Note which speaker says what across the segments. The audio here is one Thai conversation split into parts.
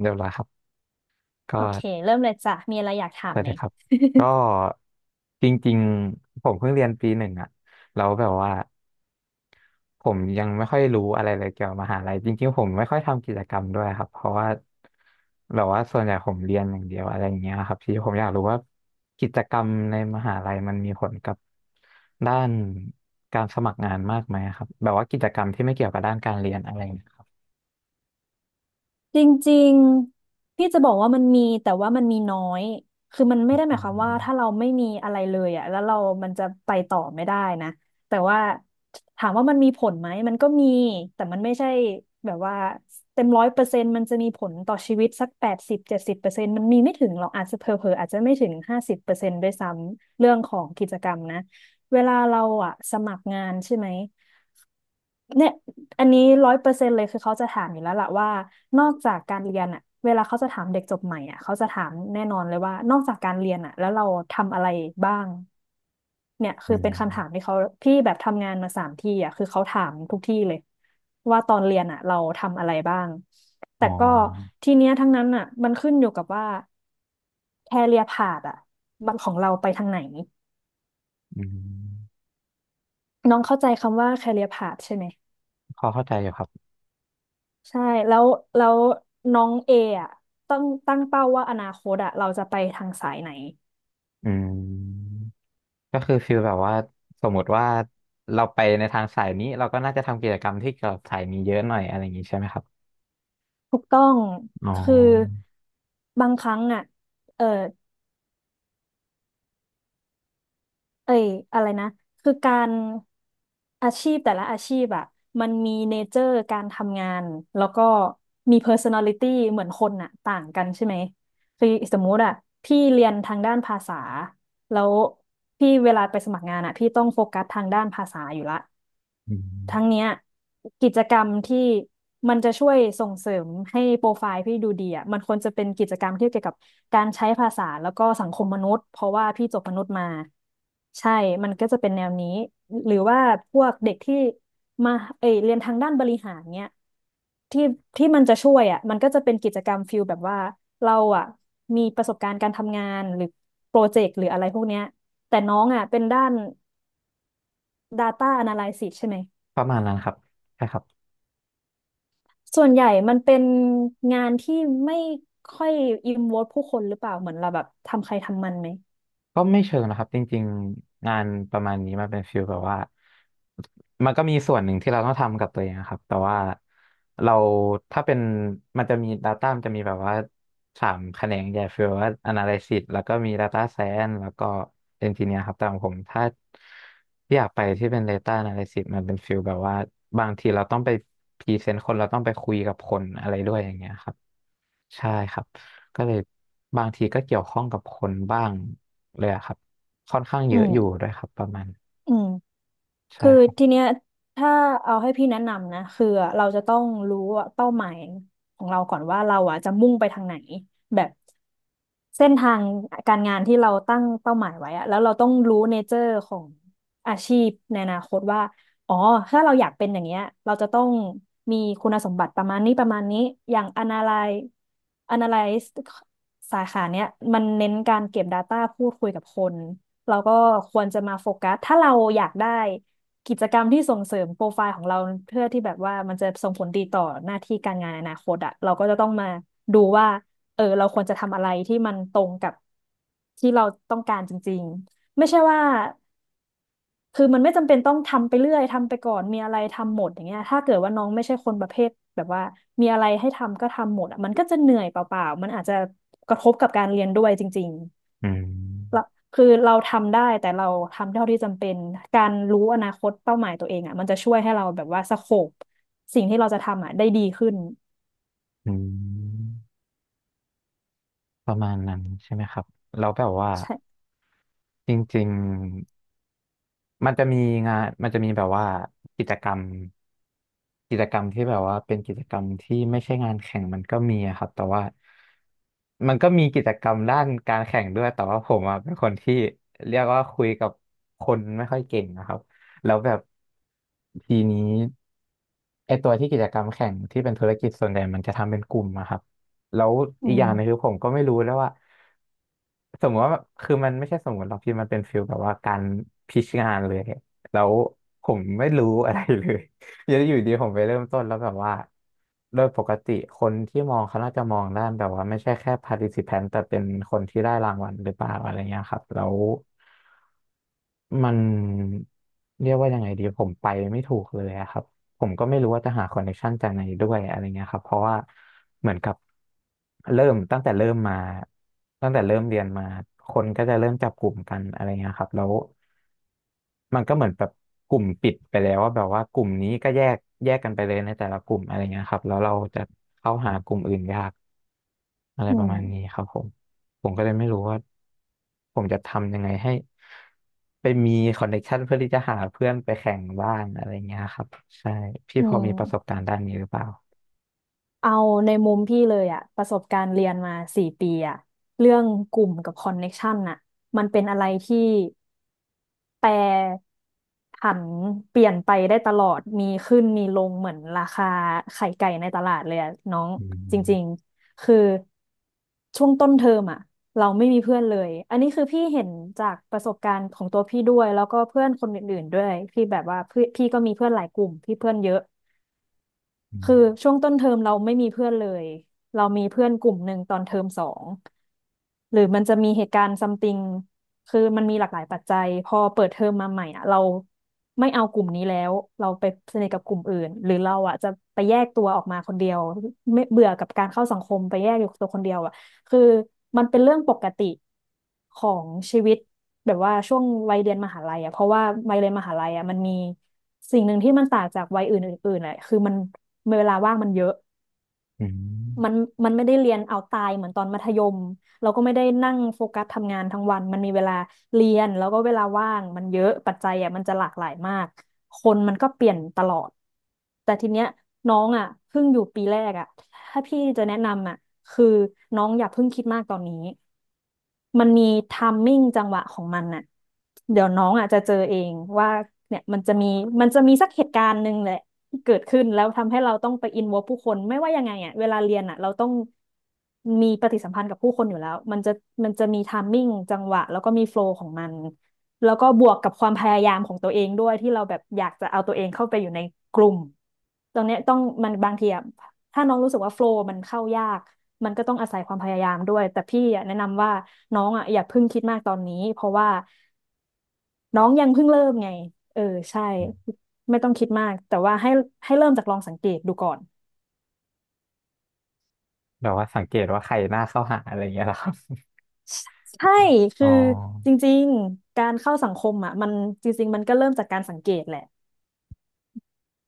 Speaker 1: เรียบร้อยครับก็
Speaker 2: โอเคเริ่มเลยจ้ะมีอะไรอยากถาม
Speaker 1: ได้
Speaker 2: ไหม
Speaker 1: เลยครับก็ จริงๆผมเพิ่งเรียนปีหนึ่งอะแล้วแบบว่าผมยังไม่ค่อยรู้อะไรเลยเกี่ยวกับมหาลัยจริงๆผมไม่ค่อยทำกิจกรรมด้วยครับเพราะว่าแบบว่าส่วนใหญ่ผมเรียนอย่างเดียวอะไรอย่างเงี้ยครับที่ผมอยากรู้ว่ากิจกรรมในมหาลัยมันมีผลกับด้านการสมัครงานมากไหมครับแบบว่ากิจกรรมที่ไม่เกี่ยวกับด้านการเรียนอะไรนะครับ
Speaker 2: จริงๆพี่จะบอกว่ามันมีแต่ว่ามันมีน้อยคือมันไม่
Speaker 1: อื
Speaker 2: ได้หมายความว่าถ้า
Speaker 1: ม
Speaker 2: เราไม่มีอะไรเลยอ่ะแล้วเรามันจะไปต่อไม่ได้นะแต่ว่าถามว่ามันมีผลไหมมันก็มีแต่มันไม่ใช่แบบว่าเต็มร้อยเปอร์เซ็นต์มันจะมีผลต่อชีวิตสัก8070%มันมีไม่ถึงหรอกอาจจะเผลอๆอาจจะไม่ถึง50%ด้วยซ้ำเรื่องของกิจกรรมนะเวลาเราอ่ะสมัครงานใช่ไหม เนี่ยอันนี้100%เลยคือเขาจะถามอยู่แล้วล่ะว่า นอกจากการเรียนอะเวลาเขาจะถามเด็กจบใหม่อะเขาจะถามแน่นอนเลยว่า นอกจากการเรียนอะแล้วเราทำอะไรบ้างเนี่ย
Speaker 1: อื
Speaker 2: คือเป็นคำถาม
Speaker 1: ม
Speaker 2: ที่เขาพี่แบบทำงานมาสามที่อะคือเขาถามทุกที่เลยว่าตอนเรียนอะเราทำอะไรบ้าง
Speaker 1: อ๋
Speaker 2: แต่
Speaker 1: อ
Speaker 2: ก็ทีเนี้ยทั้งนั้นอะมันขึ้นอยู่กับว่าแคเรียร์พาธอะบันของเราไปทางไหน
Speaker 1: อืม
Speaker 2: น้องเข้าใจคำว่าแ a เรียพาใช่ไหม
Speaker 1: พอเข้าใจอยู่ครับ
Speaker 2: ใช่แล้วแล้วน้องเออ่ะต้องตั้งเป้าว่าอนาคตอ่ะเราจะไปทางสายไหน
Speaker 1: อืมก็คือฟีลแบบว่าสมมติว่าเราไปในทางสายนี้เราก็น่าจะทำกิจกรรมที่เกี่ยวกับสายนี้เยอะหน่อยอะไรอย่างนี้ใช่ไหมครับ
Speaker 2: ถูกต้อง
Speaker 1: อ๋อ
Speaker 2: คือบางครั้งอ่ะเออเอ้ยอะไรนะคือการอาชีพแต่ละอาชีพอ่ะมันมีเนเจอร์การทำงานแล้วก็มี personality เหมือนคนอ่ะต่างกันใช่ไหมคือสมมุติอ่ะพี่เรียนทางด้านภาษาแล้วพี่เวลาไปสมัครงานอ่ะพี่ต้องโฟกัสทางด้านภาษาอยู่ละ
Speaker 1: อื
Speaker 2: ทั้ง
Speaker 1: ม
Speaker 2: เนี้ยกิจกรรมที่มันจะช่วยส่งเสริมให้โปรไฟล์พี่ดูดีอ่ะมันควรจะเป็นกิจกรรมที่เกี่ยวกับการใช้ภาษาแล้วก็สังคมมนุษย์เพราะว่าพี่จบมนุษย์มาใช่มันก็จะเป็นแนวนี้หรือว่าพวกเด็กที่มาเอยเรียนทางด้านบริหารเนี้ยที่ที่มันจะช่วยอ่ะมันก็จะเป็นกิจกรรมฟิลแบบว่าเราอ่ะมีประสบการณ์การทำงานหรือโปรเจกต์หรืออะไรพวกเนี้ยแต่น้องอ่ะเป็นด้าน Data Analysis ใช่ไหม
Speaker 1: ประมาณนั้นครับใช่ครับ
Speaker 2: ส่วนใหญ่มันเป็นงานที่ไม่ค่อยอินวอลผู้คนหรือเปล่าเหมือนเราแบบทำใครทำมันไหม
Speaker 1: ก็ไม่เชิงนะครับจริงๆงานประมาณนี้มันเป็นฟีลแบบว่ามันก็มีส่วนหนึ่งที่เราต้องทำกับตัวเองนะครับแต่ว่าเราถ้าเป็นมันจะมี Data มันจะมีแบบว่าสามแขนงใหญ่ฟีลว่า Analysis แล้วก็มี Data Science แล้วก็ Engineer ครับแต่ของผมถ้าอยากไปที่เป็น Data Analysis มันเป็นฟีลแบบว่าบางทีเราต้องไปพรีเซนต์คนเราต้องไปคุยกับคนอะไรด้วยอย่างเงี้ยครับ ใช่ครับก็เลยบางทีก็เกี่ยวข้องกับคนบ้างเลยอะครับค่อนข้าง
Speaker 2: อื
Speaker 1: เยอะ
Speaker 2: ม
Speaker 1: อยู่ด้วยครับประมาณ
Speaker 2: อืม
Speaker 1: ใช่
Speaker 2: คือ
Speaker 1: ครับ
Speaker 2: ทีเนี้ยถ้าเอาให้พี่แนะนำนะคืออะเราจะต้องรู้ว่เป้าหมายของเราก่อนว่าเราอ่ะจะมุ่งไปทางไหนแบบเส้นทางการงานที่เราตั้งเป้าหมายไว้อะแล้วเราต้องรู้เนเจอร์ของอาชีพในอนาคตว่าอ๋อถ้าเราอยากเป็นอย่างเงี้ยเราจะต้องมีคุณสมบัติประมาณนี้ประมาณนี้อย่าง analyze สาขาเนี้ยมันเน้นการเก็บ Data พูดคุยกับคนเราก็ควรจะมาโฟกัสถ้าเราอยากได้ กิจกรรมที่ส่งเสริมโปรไฟล์ของเราเพื่อที่แบบว่ามันจะส่งผลดีต่อหน้าที่การงานอนาคตอะเราก็จะต้องมาดูว่าเออเราควรจะทำอะไรที่มันตรงกับที่เราต้องการจริงๆไม่ใช่ว่าคือมันไม่จำเป็นต้องทำไปเรื่อยทำไปก่อนมีอะไรทำหมดอย่างเงี้ยถ้าเกิดว่าน้องไม่ใช่คนประเภทแบบว่ามีอะไรให้ทำก็ทำหมดอะมันก็จะเหนื่อยเปล่าๆมันอาจจะกระทบกับการเรียนด้วยจริงๆ
Speaker 1: อื
Speaker 2: เรา
Speaker 1: ม
Speaker 2: คือเราทำได้แต่เราทำเท่าที่จำเป็นการรู้อนาคตเป้าหมายตัวเองอ่ะมันจะช่วยให้เราแบบว่าสโคปสิ่งที่เราจะทำอ่ะได้ดีขึ้น
Speaker 1: อืมประมาณนั้นใช่ไหมครับแล้วแบบว่า
Speaker 2: ใช่
Speaker 1: จริงๆ มันจะมีงานมันจะมีแบบว่ากิจกรรมกิจกรรมที่แบบว่าเป็นกิจกรรมที่ไม่ใช่งานแข่งมันก็มีอะครับแต่ว่ามันก็มีกิจกรรมด้านการแข่งด้วยแต่ว่าผมอะเป็นคนที่เรียกว่าคุยกับคนไม่ค่อยเก่งนะครับแล้วแบบทีนี้ไอตัวที่กิจกรรมแข่งที่เป็นธุรกิจส่วนใหญ่มันจะทำเป็นกลุ่มอะครับ แล้ว
Speaker 2: อื
Speaker 1: อีกอย่างหนึงคื
Speaker 2: ม
Speaker 1: อผมก็ไม่รู้แล้วว่าสมมติว่าคือมันไม่ใช่สมมติหรอกพี่มันเป็นฟิลแบบว่าการพิชงานเลย แล้วผมไม่รู้อะไรเลยอยู่อยู่ดีผมไปเริ่มต้นแล้วแบบว่าโดยปกติคนที่มองเขาน่าจะมองด้านแบบว่าไม่ใช่แค่ participant แต่เป็นคนที่ได้รางวัลหรือเปล่าอะไรเงี้ยครับแล้ว มันเรียกว่ายังไงดีผมไปไม่ถูกเลยอะครับผมก็ไม่รู้ว่าจะหาคอนเนคชันจากไหนด้วยอะไรเงี้ยครับเพราะว่าเหมือนกับเริ่มตั้งแต่เริ่มเรียนมาคนก็จะเริ่มจับกลุ่มกันอะไรเงี้ยครับแล้ว มันก็เหมือนแบบกลุ่มปิดไปแล้วว่าแบบว่ากลุ่มนี้ก็แยกกันไปเลยในแต่ละกลุ่มอะไรเงี้ยครับแล้วเราจะเข้าหากลุ่มอื่นยากอะไร
Speaker 2: อื
Speaker 1: ประ
Speaker 2: ม
Speaker 1: มาณนี้ครับผมผมก็เลยไม่รู้ว่าผมจะทำยังไงให้ไปมีคอนเนคชันเพื่อที่จะหาเพื่อนไปแข่งบ้างอะไรเงี้ยครับใช่พี่
Speaker 2: อื
Speaker 1: พอมีประสบ
Speaker 2: ม
Speaker 1: การณ์ด้านนี้หรือเปล่า
Speaker 2: เอาในมุมพี่เลยอะประสบการณ์เรียนมา4 ปีอะเรื่องกลุ่มกับคอนเน็กชันน่ะมันเป็นอะไรที่แปรผันเปลี่ยนไปได้ตลอดมีขึ้นมีลงเหมือนราคาไข่ไก่ในตลาดเลยอะน้อง
Speaker 1: อื
Speaker 2: จริง
Speaker 1: ม
Speaker 2: ๆคือช่วงต้นเทอมอะเราไม่มีเพื่อนเลยอันนี้คือพี่เห็นจากประสบการณ์ของตัวพี่ด้วยแล้วก็เพื่อนคนอื่นๆด้วยพี่แบบว่าพี่ก็มีเพื่อนหลายกลุ่มพี่เพื่อนเยอะ
Speaker 1: อืม
Speaker 2: คือช่วงต้นเทอมเราไม่มีเพื่อนเลยเรามีเพื่อนกลุ่มหนึ่งตอนเทอมสอง หรือมันจะมีเหตุการณ์ซัมติงคือมันมีหลากหลายปัจจัยพอเปิดเทอมมาใหม่อ่ะเราไม่เอากลุ่มนี้แล้ว เราไปสนิทกับกลุ่มอื่นหรือเราอ่ะจะไปแยกตัวออกมาคนเดียวไม่เบื่อกับการเข้าสังคมไปแยกอยู่ตัวคนเดียวอ่ะคือมันเป็นเรื่องปกติของชีวิต แบบว่าช่วงวัยเรียนมหาลัยอ่ะเพราะว่าวัยเรียนมหาลัยอ่ะมันมีสิ่งหนึ่งที่มันต่างจากวัยอื่นอื่นๆอ่ะคือมันเวลาว่างมันเยอะ
Speaker 1: อืม
Speaker 2: มันมันไม่ได้เรียนเอาตายเหมือนตอนมัธยมเราก็ไม่ได้นั่งโฟกัสทำงานทั้งวันมันมีเวลาเรียนแล้วก็เวลาว่างมันเยอะปัจจัยอ่ะมันจะหลากหลายมากคนมันก็เปลี่ยนตลอดแต่ทีเนี้ยน้องอ่ะเพิ่งอยู่ปีแรกอ่ะถ้าพี่จะแนะนำอ่ะคือน้องอย่าเพิ่งคิดมากตอนนี้มันมีไทมิ่งจังหวะของมันน่ะเดี๋ยวน้องอ่ะจะเจอเองว่าเนี่ยมันจะมีสักเหตุการณ์หนึ่งแหละ เกิดขึ้นแล้วทำให้เราต้องไปอินวอลผู้คนไม่ว่ายังไงอ่ะเวลาเรียนอ่ะเราต้องมีปฏิสัมพันธ์กับผู้คนอยู่แล้วมันจะมีไทมิ่งจังหวะแล้วก็มีโฟลว์ของมันแล้วก็บวกกับความพยายามของตัวเองด้วยที่เราแบบอยากจะเอาตัวเองเข้าไปอยู่ในกลุ่มตรงเนี้ยต้องมันบางทีอ่ะถ้าน้องรู้สึกว่าโฟลว์มันเข้ายากมันก็ต้องอาศัยความพยายามด้วยแต่พี่อะแนะนำว่าน้องอ่ะอย่าเพิ่งคิดมากตอนนี้เพราะว่า น้องยังเพิ่งเริ่มไงเออใช่
Speaker 1: อืม
Speaker 2: ไม่ต้องคิดมากแต่ว่าให้เริ่มจากลองสังเกตดูก่อน
Speaker 1: แบบว่าสังเกตว่าใครน่าเข้าหาอะไรเงี้ยเหรอครับ
Speaker 2: ใช่
Speaker 1: อ๋
Speaker 2: คื
Speaker 1: อ
Speaker 2: อจริงๆการเข้าสังคมอ่ะมันจริงๆมันก็เริ่มจากการสังเกตแหละ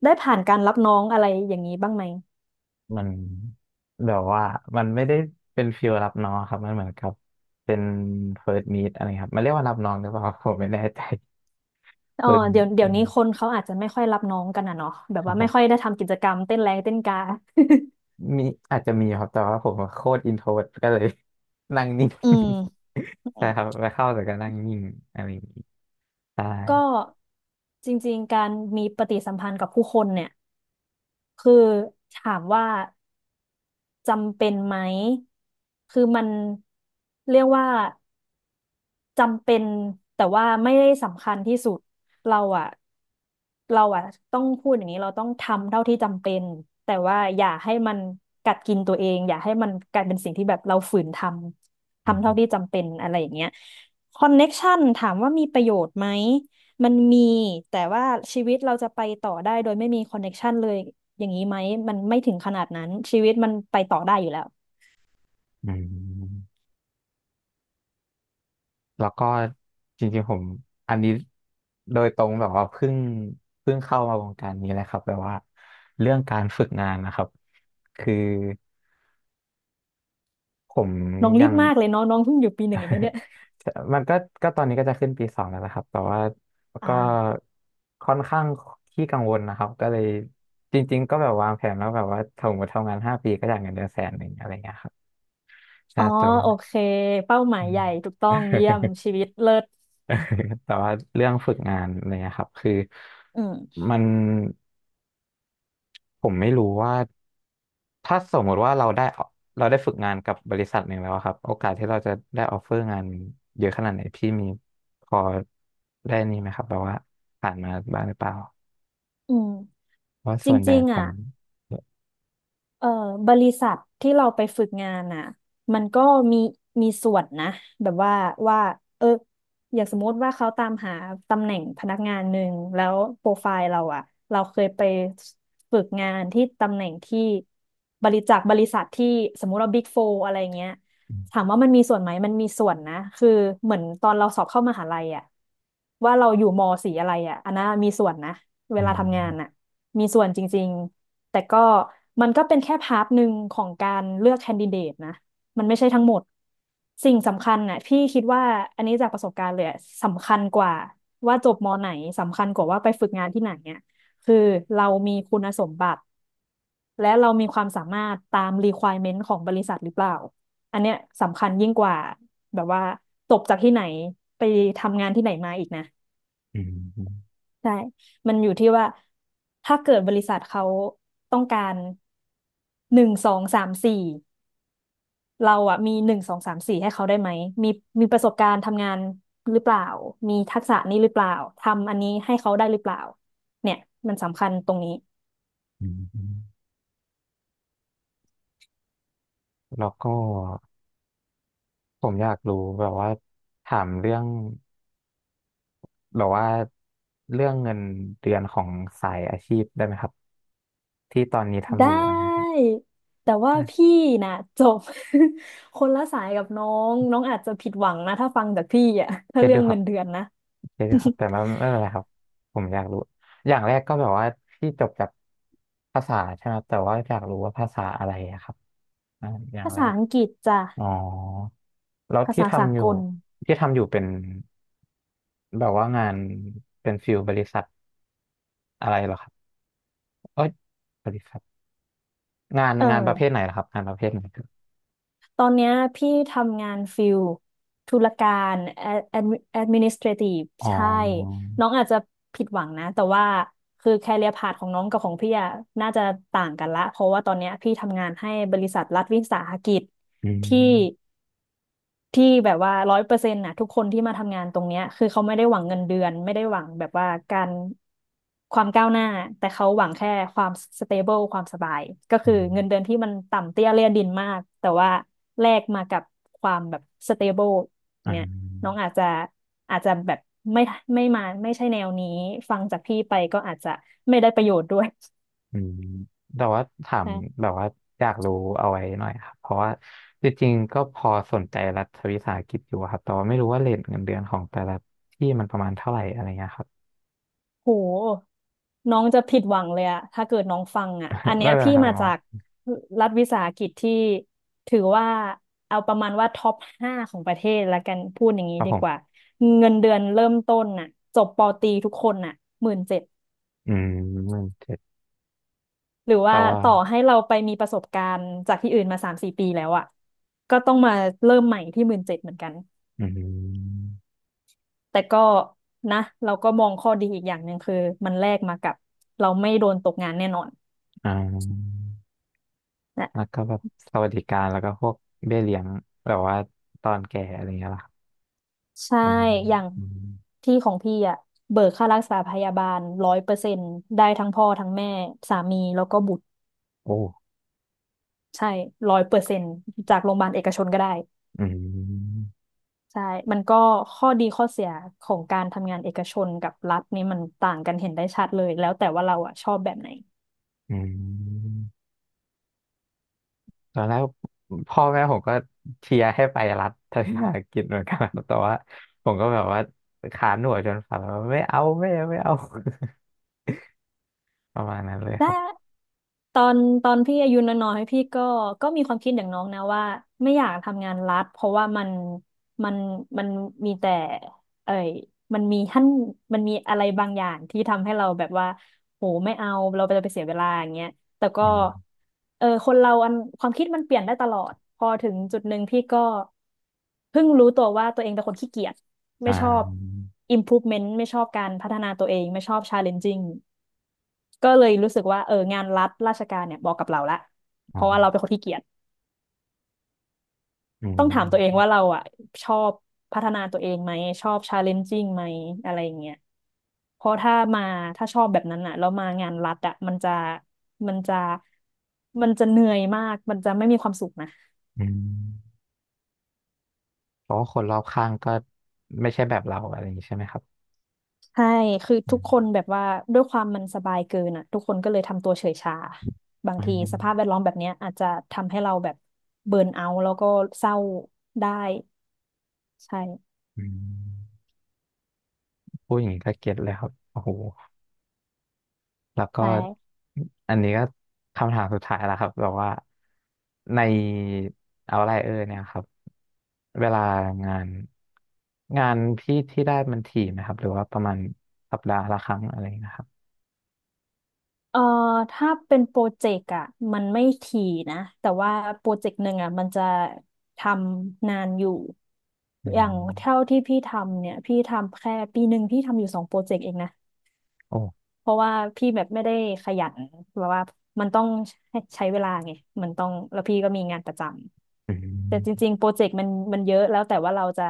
Speaker 2: ได้ผ่านการรับน้องอะไรอย่างนี้บ้างไหม
Speaker 1: มันแบบว่ามันไม่ได้เป็นฟิลรับน้องครับมันเหมือนกับเป็นเฟิร์สมีดอะไรครับมันเรียกว่ารับน้องหรือเปล่า ผมไม่แน่ใจ
Speaker 2: อ๋อ
Speaker 1: เฟิร์
Speaker 2: เดี๋ยวนี้
Speaker 1: ส
Speaker 2: คนเขาอาจจะไม่ค่อยรับน้องกันอ่ะเนาะแบ
Speaker 1: ค
Speaker 2: บ
Speaker 1: รับ
Speaker 2: ว่า
Speaker 1: ผ
Speaker 2: ไม่ค่อย
Speaker 1: ม
Speaker 2: ได้ทำกิจกรรมเต้นแรงเต้นกา
Speaker 1: มีอาจจะมีครับแต่ว่าผมโคตรอินโทรดก็เลย นั่งนิ่ง
Speaker 2: อืม
Speaker 1: ใช่ครับไปเข้าแต่ก็นั่งนิ่งอะไรอย่างนี้ใช่
Speaker 2: ก็จริงๆการมีปฏิสัมพันธ์กับผู้คนเนี่ยคือถามว่า จำเป็นไหม คือมันเรียกว่าจำเป็นแต่ว่าไม่ได้สำคัญที่สุดเราอะเราอะต้องพูดอย่างนี้เราต้องทำเท่าที่จำเป็นแต่ว่าอย่าให้มันกัดกินตัวเองอย่าให้มันกลายเป็นสิ่งที่แบบเราฝืนทำ
Speaker 1: อื
Speaker 2: ทำเท่าที่
Speaker 1: ม
Speaker 2: จำเป็นอะไรอย่างเงี้ยคอนเน็กชันถามว่ามีประโยชน์ไหมมันมีแต่ว่าชีวิตเราจะไปต่อได้โดยไม่มีคอนเน็กชันเลยอย่างนี้ไหมมันไม่ถึงขนาดนั้นชีวิตมันไปต่อได้อยู่แล้ว
Speaker 1: อืม แล้วก็จริงๆผมอันนี้โดยตรงแบบว่าเพิ่งเข้ามาวงการนี้เลยครับแบบว่าเรื่องการฝึกงานนะครับคือผม
Speaker 2: น้องรี
Speaker 1: ยั
Speaker 2: บ
Speaker 1: ง
Speaker 2: มากเลยเนาะน้องเพิ่งอยู่ปีหนึ่งเองนะเนี่ย
Speaker 1: มันก็ตอนนี้ก็จะขึ้นปีสองแล้วนะครับแต่ว่าก็
Speaker 2: อ่า
Speaker 1: ค่อนข้างขี้กังวลนะครับก็เลยจริงๆก็แบบวางแผนแล้วแบบว่าถ้าผมทำงาน5 ปีก็อยากเงินเดือน100,000อะไรเงี้ยครับใช่
Speaker 2: อ๋อ
Speaker 1: แต่
Speaker 2: โอ
Speaker 1: ว่า
Speaker 2: เคเป้าหมาย
Speaker 1: อื
Speaker 2: ใหญ่
Speaker 1: ม
Speaker 2: ถูกต้องเยี่ยมชีวิตเลิศ
Speaker 1: แต่ว่าเรื่องฝึกงานอะไรเนี่ยครับคือ
Speaker 2: อืม
Speaker 1: มัน ผมไม่รู้ว่าถ้าสมมติว่าเราได้เราได้ฝึกงานกับบริษัทหนึ่งแล้วอะครับโอกาสที่เราจะได้ออฟเฟอร์งานเยอะขนาดไหนพี่มีพอได้นี่ไหมครับแบบว่าผ่านมาบ้างหรือเปล่า
Speaker 2: อืม
Speaker 1: เพราะ
Speaker 2: จ
Speaker 1: ส่วนใหญ่
Speaker 2: ริง
Speaker 1: ผ
Speaker 2: ๆอ่ะ
Speaker 1: ม
Speaker 2: เอ่อบริษัทที่เราไปฝึกงานอ่ะมันก็มีมีส่วนนะแบบว่าว่าเอออย่างสมมติว่าเขาตามหาตำแหน่งพนักงานหนึ่งแล้วโปรไฟล์เราอ่ะเราเคยไปฝึกงานที่ตำแหน่งที่บริจากบริษัทที่สมมติว่าบิ๊กโฟอะไรเงี้ย
Speaker 1: อื
Speaker 2: ถามว่ามันมีส่วนไหมมันมีส่วนนะคือเหมือนตอนเราสอบเข้ามหาลัยอะว่าเราอยู่ม สีอะไรอะอันนั้นมีส่วนนะเว
Speaker 1: ม
Speaker 2: ลาทำงานอะมีส่วนจริงๆแต่ก็มันก็เป็นแค่พาร์ทหนึ่งของการเลือกแคนดิเดตนะมันไม่ใช่ทั้งหมด สิ่งสำคัญน่ะพี่คิดว่าอันนี้จากประสบการณ์เลยอะสำคัญกว่าว่าจบม ไหนสำคัญกว่าว่าไปฝึกงานที่ไหนเนี่ยคือเรามีคุณสมบัติและเรามีความสามารถตาม requirement ของบริษัทหรือเปล่า อันเนี้ยสำคัญยิ่งกว่าแบบว่าจบจากที่ไหนไปทำงานที่ไหนมาอีกนะ
Speaker 1: อืมอืม
Speaker 2: ใช่มันอยู่ที่ว่าถ้าเกิดบริษัทเขาต้องการหนึ่งสองสามสี่เราอะมีหนึ่งสองสามสี่ให้เขาได้ไหมมีมีประสบการณ์ทำงานหรือเปล่ามีทักษะนี้หรือเปล่าทำอันนี้ให้เขาได้หรือเปล่าเนี่ยมันสำคัญตรงนี้
Speaker 1: อืมอืมแล้วก็ผมอยากรู้แบบว่าถามเรื่องแบบว่าเรื่องเงินเดือนของสายอาชีพได้ไหมครับที่ตอนนี้ทำ
Speaker 2: ได้
Speaker 1: อยู่อันนี้ครับ
Speaker 2: แต่ว่า
Speaker 1: อ่ะ
Speaker 2: พี่น่ะจบ คนละสายกับน้องน้องอาจจะผิดหวังนะถ้าฟังจากพี่อ่ะถ้า
Speaker 1: เก็ต
Speaker 2: เรื่อ
Speaker 1: ด้ว
Speaker 2: ง
Speaker 1: ยครั
Speaker 2: เงิ
Speaker 1: บ
Speaker 2: นเดือนนะ
Speaker 1: เยอะอยู่ครับแต่ว่าไม่เป็นไรครับผมอยากรู้อย่างแรกก็แบบว่าที่จบจากภาษาใช่ไหมครับแต่ว่าอยากรู้ว่าภาษาอะไรอะครับอ่าอย่าง
Speaker 2: ภา
Speaker 1: แร
Speaker 2: ษา
Speaker 1: ก
Speaker 2: อังกฤษจ้ะ
Speaker 1: อ๋อแล้ว
Speaker 2: ภา
Speaker 1: ที่
Speaker 2: ษาสา
Speaker 1: ทำอ
Speaker 2: ก
Speaker 1: ยู่
Speaker 2: ล
Speaker 1: ที่ทำอยู่เป็นแบบว่างานเป็นฟิลบริษัทอะไรเหรอครับเอ้ยบริษัทงาน
Speaker 2: เอ
Speaker 1: งานประเภทไหน
Speaker 2: อ
Speaker 1: เหรอครับงานประเภทไหนครับ
Speaker 2: ตอนเนี้ยพี่ทำงานฟิลธุรการแอดมินิสเทรทีฟ
Speaker 1: อ๋อ
Speaker 2: ใช่น้องอาจจะผิดหวังนะแต่ว่าคือแคเรียพาธของน้องกับของพี่อะน่าจะต่างกันละเพราะว่าตอนเนี้ยพี่ทำงานให้บริษัทรัฐวิสาหกิจ
Speaker 1: อื
Speaker 2: ที่
Speaker 1: ม
Speaker 2: ที่แบบว่า100%นะทุกคนที่มาทำงานตรงเนี้ยคือเขาไม่ได้หวังเงินเดือนไม่ได้หวังแบบว่าการความก้าวหน้าแต่เขาหวังแค่ความสเตเบิลความสบายก็
Speaker 1: อื
Speaker 2: คือ
Speaker 1: ม
Speaker 2: เงินเดือนที่มันต่ำเตี้ยเลี่ยดินมากแต่ว่าแลกมากับความแบบสเตเบิล
Speaker 1: อ่
Speaker 2: เนี่ยน้อง
Speaker 1: า
Speaker 2: อาจจะแบบไม่ไม่มาไม่ใช่แนวนี้ฟังจากพี่ไปก็อาจจะไม่ได้ประโยชน์ด้วย
Speaker 1: อืมแต่ว่าถาม
Speaker 2: ใช่
Speaker 1: แบบว่าอยากรู้เอาไว้หน่อยครับเพราะว่าจริงๆก็พอสนใจรัฐวิสาหกิจอยู่ครับแต่ว่าไม่รู้ว่าเรทเงินเดือนของแต่ละที่มันประมาณเท่าไหร่อะไรเงี้ยครับ
Speaker 2: โหน้องจะผิดหวังเลยอะถ้าเกิดน้องฟังอะอั นเนี้
Speaker 1: ไม่
Speaker 2: ย
Speaker 1: เป็นไร
Speaker 2: พี่
Speaker 1: ครับ
Speaker 2: มา
Speaker 1: หมอ
Speaker 2: จากรัฐวิสาหกิจที่ถือว่าเอาประมาณว่าท็อป5ของประเทศละกันพูดอย่าง
Speaker 1: ค
Speaker 2: นี้
Speaker 1: รับ
Speaker 2: ดี
Speaker 1: ผ
Speaker 2: กว่า
Speaker 1: ม
Speaker 2: เงินเดือนเริ่มต้นน่ะจบปอตรีทุกคนน่ะหมื่นเจ็ด
Speaker 1: อืม17,000
Speaker 2: หรือ
Speaker 1: แต่
Speaker 2: ว่า
Speaker 1: ว่า
Speaker 2: ต่อให้เราไปมีประสบการณ์จากที่อื่นมา3-4ปีแล้วอะก็ต้องมาเริ่มใหม่ที่หมื่นเจ็ดเหมือนกัน
Speaker 1: อืม
Speaker 2: แต่ก็นะเราก็มองข้อดีอีกอย่างหนึ่งคือมันแลกมากับเราไม่โดนตกงานแน่นอน
Speaker 1: อ่าแล้วก็แบบสวัสดิการแล้วก็พวกเบี้ยเลี้ยงแบบว่าตอนแก่อะไรเงี้ยล่ะครับ
Speaker 2: ใช่
Speaker 1: ประมาณนั้
Speaker 2: อ
Speaker 1: น
Speaker 2: ย่าง
Speaker 1: อืม
Speaker 2: ที่ของพี่อะเบิกค่ารักษาพยาบาลร้อยเปอร์เซ็นต์ได้ทั้งพ่อทั้งแม่สามีแล้วก็บุตร
Speaker 1: โอ้
Speaker 2: ใช่ร้อยเปอร์เซ็นต์จากโรงพยาบาลเอกชนก็ได้
Speaker 1: อืม
Speaker 2: ใช่มันก็ข้อดีข้อเสียของการทำงานเอกชนกับรัฐนี่มันต่างกันเห็นได้ชัดเลยแล้วแต่ว่าเราอะชอบแบบไหน
Speaker 1: อืม ตอนแรกพ่อแม่ผมก็เชียร์ให้ไปรัฐทัศนศึกิจเหมือนกัน ครับแต่ว่าผมก็แบบว่าขาหนวดจนฝันว่าไม่เอาไม่เอาไม่เอา ประมาณนั้นเลยค
Speaker 2: แต่
Speaker 1: รับ
Speaker 2: ตอนตอนพี่อายุน้อยๆพี่ก็มีความคิดอย่างน้องนะว่าไม่อยากทำงานรัฐเพราะว่ามันมันมันมีแต่เอ่ยมันมีท่านมันมีอะไรบางอย่างที่ทำให้เราแบบว่าโหไม่เอาเราจะไปเสียเวลาอย่างเงี้ย แต่ก็
Speaker 1: อืม
Speaker 2: เออคนเราความคิดมันเปลี่ยนได้ตลอดพอถึงจุดหนึ่งพี่ก็เพิ่งรู้ตัวว่าตัวเองเป็นคนขี้เกียจ
Speaker 1: อ่
Speaker 2: ไม่ชอบ
Speaker 1: า
Speaker 2: improvement ไม่ชอบการพัฒนาตัวเองไม่ชอบ challenging ก็เลยรู้สึกว่าเอองานรัฐราชการเนี่ยบอกกับเราละเพ
Speaker 1: อ๋อ
Speaker 2: ราะว่าเราเป็นคนขี้เกียจ
Speaker 1: อื
Speaker 2: ต้องถามตัวเอง
Speaker 1: ม
Speaker 2: ว่าเราอ่ะชอบพัฒนาตัวเองไหมชอบชาเลนจิ่งไหมอะไรอย่างเงี้ยเพราะถ้าถ้าชอบแบบนั้นอ่ะแล้วมางานรัฐอ่ะมันจะมันจะเหนื่อยมากมันจะไม่มีความสุขนะ
Speaker 1: อืมเพราะว่าคนรอบข้างก็ไม่ใช่แบบเราอะไรอย่างนี้ใช่ไหมครับ
Speaker 2: ใช่คือ
Speaker 1: อื
Speaker 2: ทุกคน
Speaker 1: ม
Speaker 2: แบบว่าด้วยความมันสบายเกินอ่ะทุกคนก็เลยทำตัวเฉยชาบาง
Speaker 1: อื
Speaker 2: ทีสภาพแว
Speaker 1: ม
Speaker 2: ดล้อมแบบเนี้ยอาจจะทำให้เราแบบเบิร์นเอาท์แล้วก็เศร้าได้ใช่
Speaker 1: อืมพูดอย่างนี้ก็เก็ตเลยครับโอ้โห แล้วก็
Speaker 2: ใช่
Speaker 1: อันนี้ก็คำถามสุดท้ายแล้วครับแบบว่าในเอาไรอเนี่ยครับเวลางานงานพี่ที่ได้มันถี่ไหมครับหรือว่าประมาณสัปดาห์ละครั้งอะไรนะครับ
Speaker 2: เอ่อถ้าเป็นโปรเจกต์อ่ะมันไม่ถี่นะแต่ว่าโปรเจกต์หนึ่งอ่ะมันจะทำนานอยู่
Speaker 1: อื
Speaker 2: อย่างเท่า
Speaker 1: ม
Speaker 2: ที่พี่ทำเนี่ยพี่ทำแค่ปีหนึ่งพี่ทำอยู่2โปรเจกต์เองนะ
Speaker 1: โอ้
Speaker 2: เพราะว่าพี่แบบไม่ได้ขยันแบบว่ามันต้องใช้เวลาไงมันต้องแล้วพี่ก็มีงานประจ
Speaker 1: อื
Speaker 2: ำแต่จ
Speaker 1: ม
Speaker 2: ริงๆโปรเจกต์มันเยอะแล้วแต่ว่าเราจะ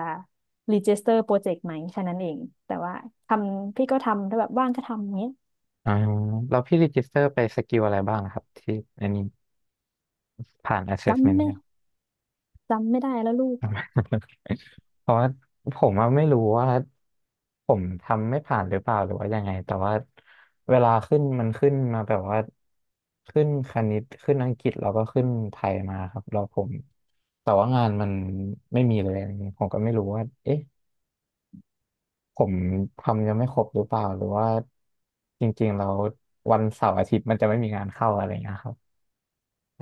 Speaker 2: รีจิสเตอร์โปรเจกต์ไหมแค่นั้นเองแต่ว่าทำพี่ก็ทำถ้าแบบว่างก็ทำอย่างเงี้ย
Speaker 1: อ่าแล้วพี่รีจิสเตอร์ไปสกิลอะไรบ้างนะครับที่อันนี้ผ่าน
Speaker 2: จำ
Speaker 1: assessment
Speaker 2: ไม่จำไม่ได้แล้วลูก
Speaker 1: เพราะว่าผมอะไม่รู้ว่าผมทำไม่ผ่านหรือเปล่าหรือว่ายังไงแต่ว่าเวลาขึ้นมันขึ้นมาแบบว่าขึ้นคณิตขึ้นอังกฤษแล้วก็ขึ้นไทยมาครับแล้วผมแต่ว่างานมันไม่มีเลยอะไรเงี้ยผมก็ไม่รู้ว่าเอ๊ะผมทำยังไม่ครบหรือเปล่าหรือว่าจริงๆแล้ววันเสาร์อาทิตย์มันจะไม่มีงานเข้าอะไรเงี้ยครับอ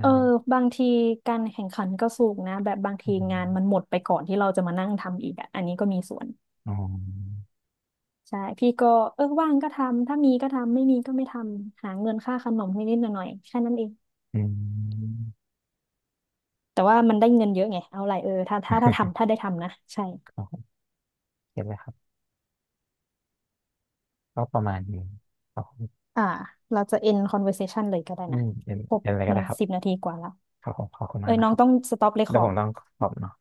Speaker 2: เออ
Speaker 1: ่า
Speaker 2: บางทีการแข่งขันก็สูงนะแบบบาง
Speaker 1: อื
Speaker 2: ที
Speaker 1: ม
Speaker 2: งานมันหมดไปก่อนที่เราจะมานั่งทำอีกอ่ะอันนี้ก็มีส่วน
Speaker 1: อ๋อ
Speaker 2: ใช่พี่ก็เออว่างก็ทำถ้ามีก็ทำไม่มีก็ไม่ทำหาเงินค่าขนมนิดๆหน่อยๆแค่นั้นเอง
Speaker 1: อืม
Speaker 2: แต่ว่ามันได้เงินเยอะไงเอาไรเออถ้า ได้ทำนะใช่
Speaker 1: โอเคเลยครับ ก็ประมาณนี้ครับผม
Speaker 2: อ่าเราจะ end conversation เลยก็ได้
Speaker 1: อื
Speaker 2: นะ
Speaker 1: มเป็น
Speaker 2: ครบ
Speaker 1: เป็นอะไรก็
Speaker 2: มัน
Speaker 1: ได้ครับ
Speaker 2: 10นาทีกว่าแล้ว
Speaker 1: ครับผมขอบคุณ
Speaker 2: เอ้
Speaker 1: มาก
Speaker 2: ย
Speaker 1: นะ
Speaker 2: น้อ
Speaker 1: ค
Speaker 2: ง
Speaker 1: รับ
Speaker 2: ต้อง stop
Speaker 1: เดี๋ยวผ
Speaker 2: record
Speaker 1: มต้องขอบเนาะ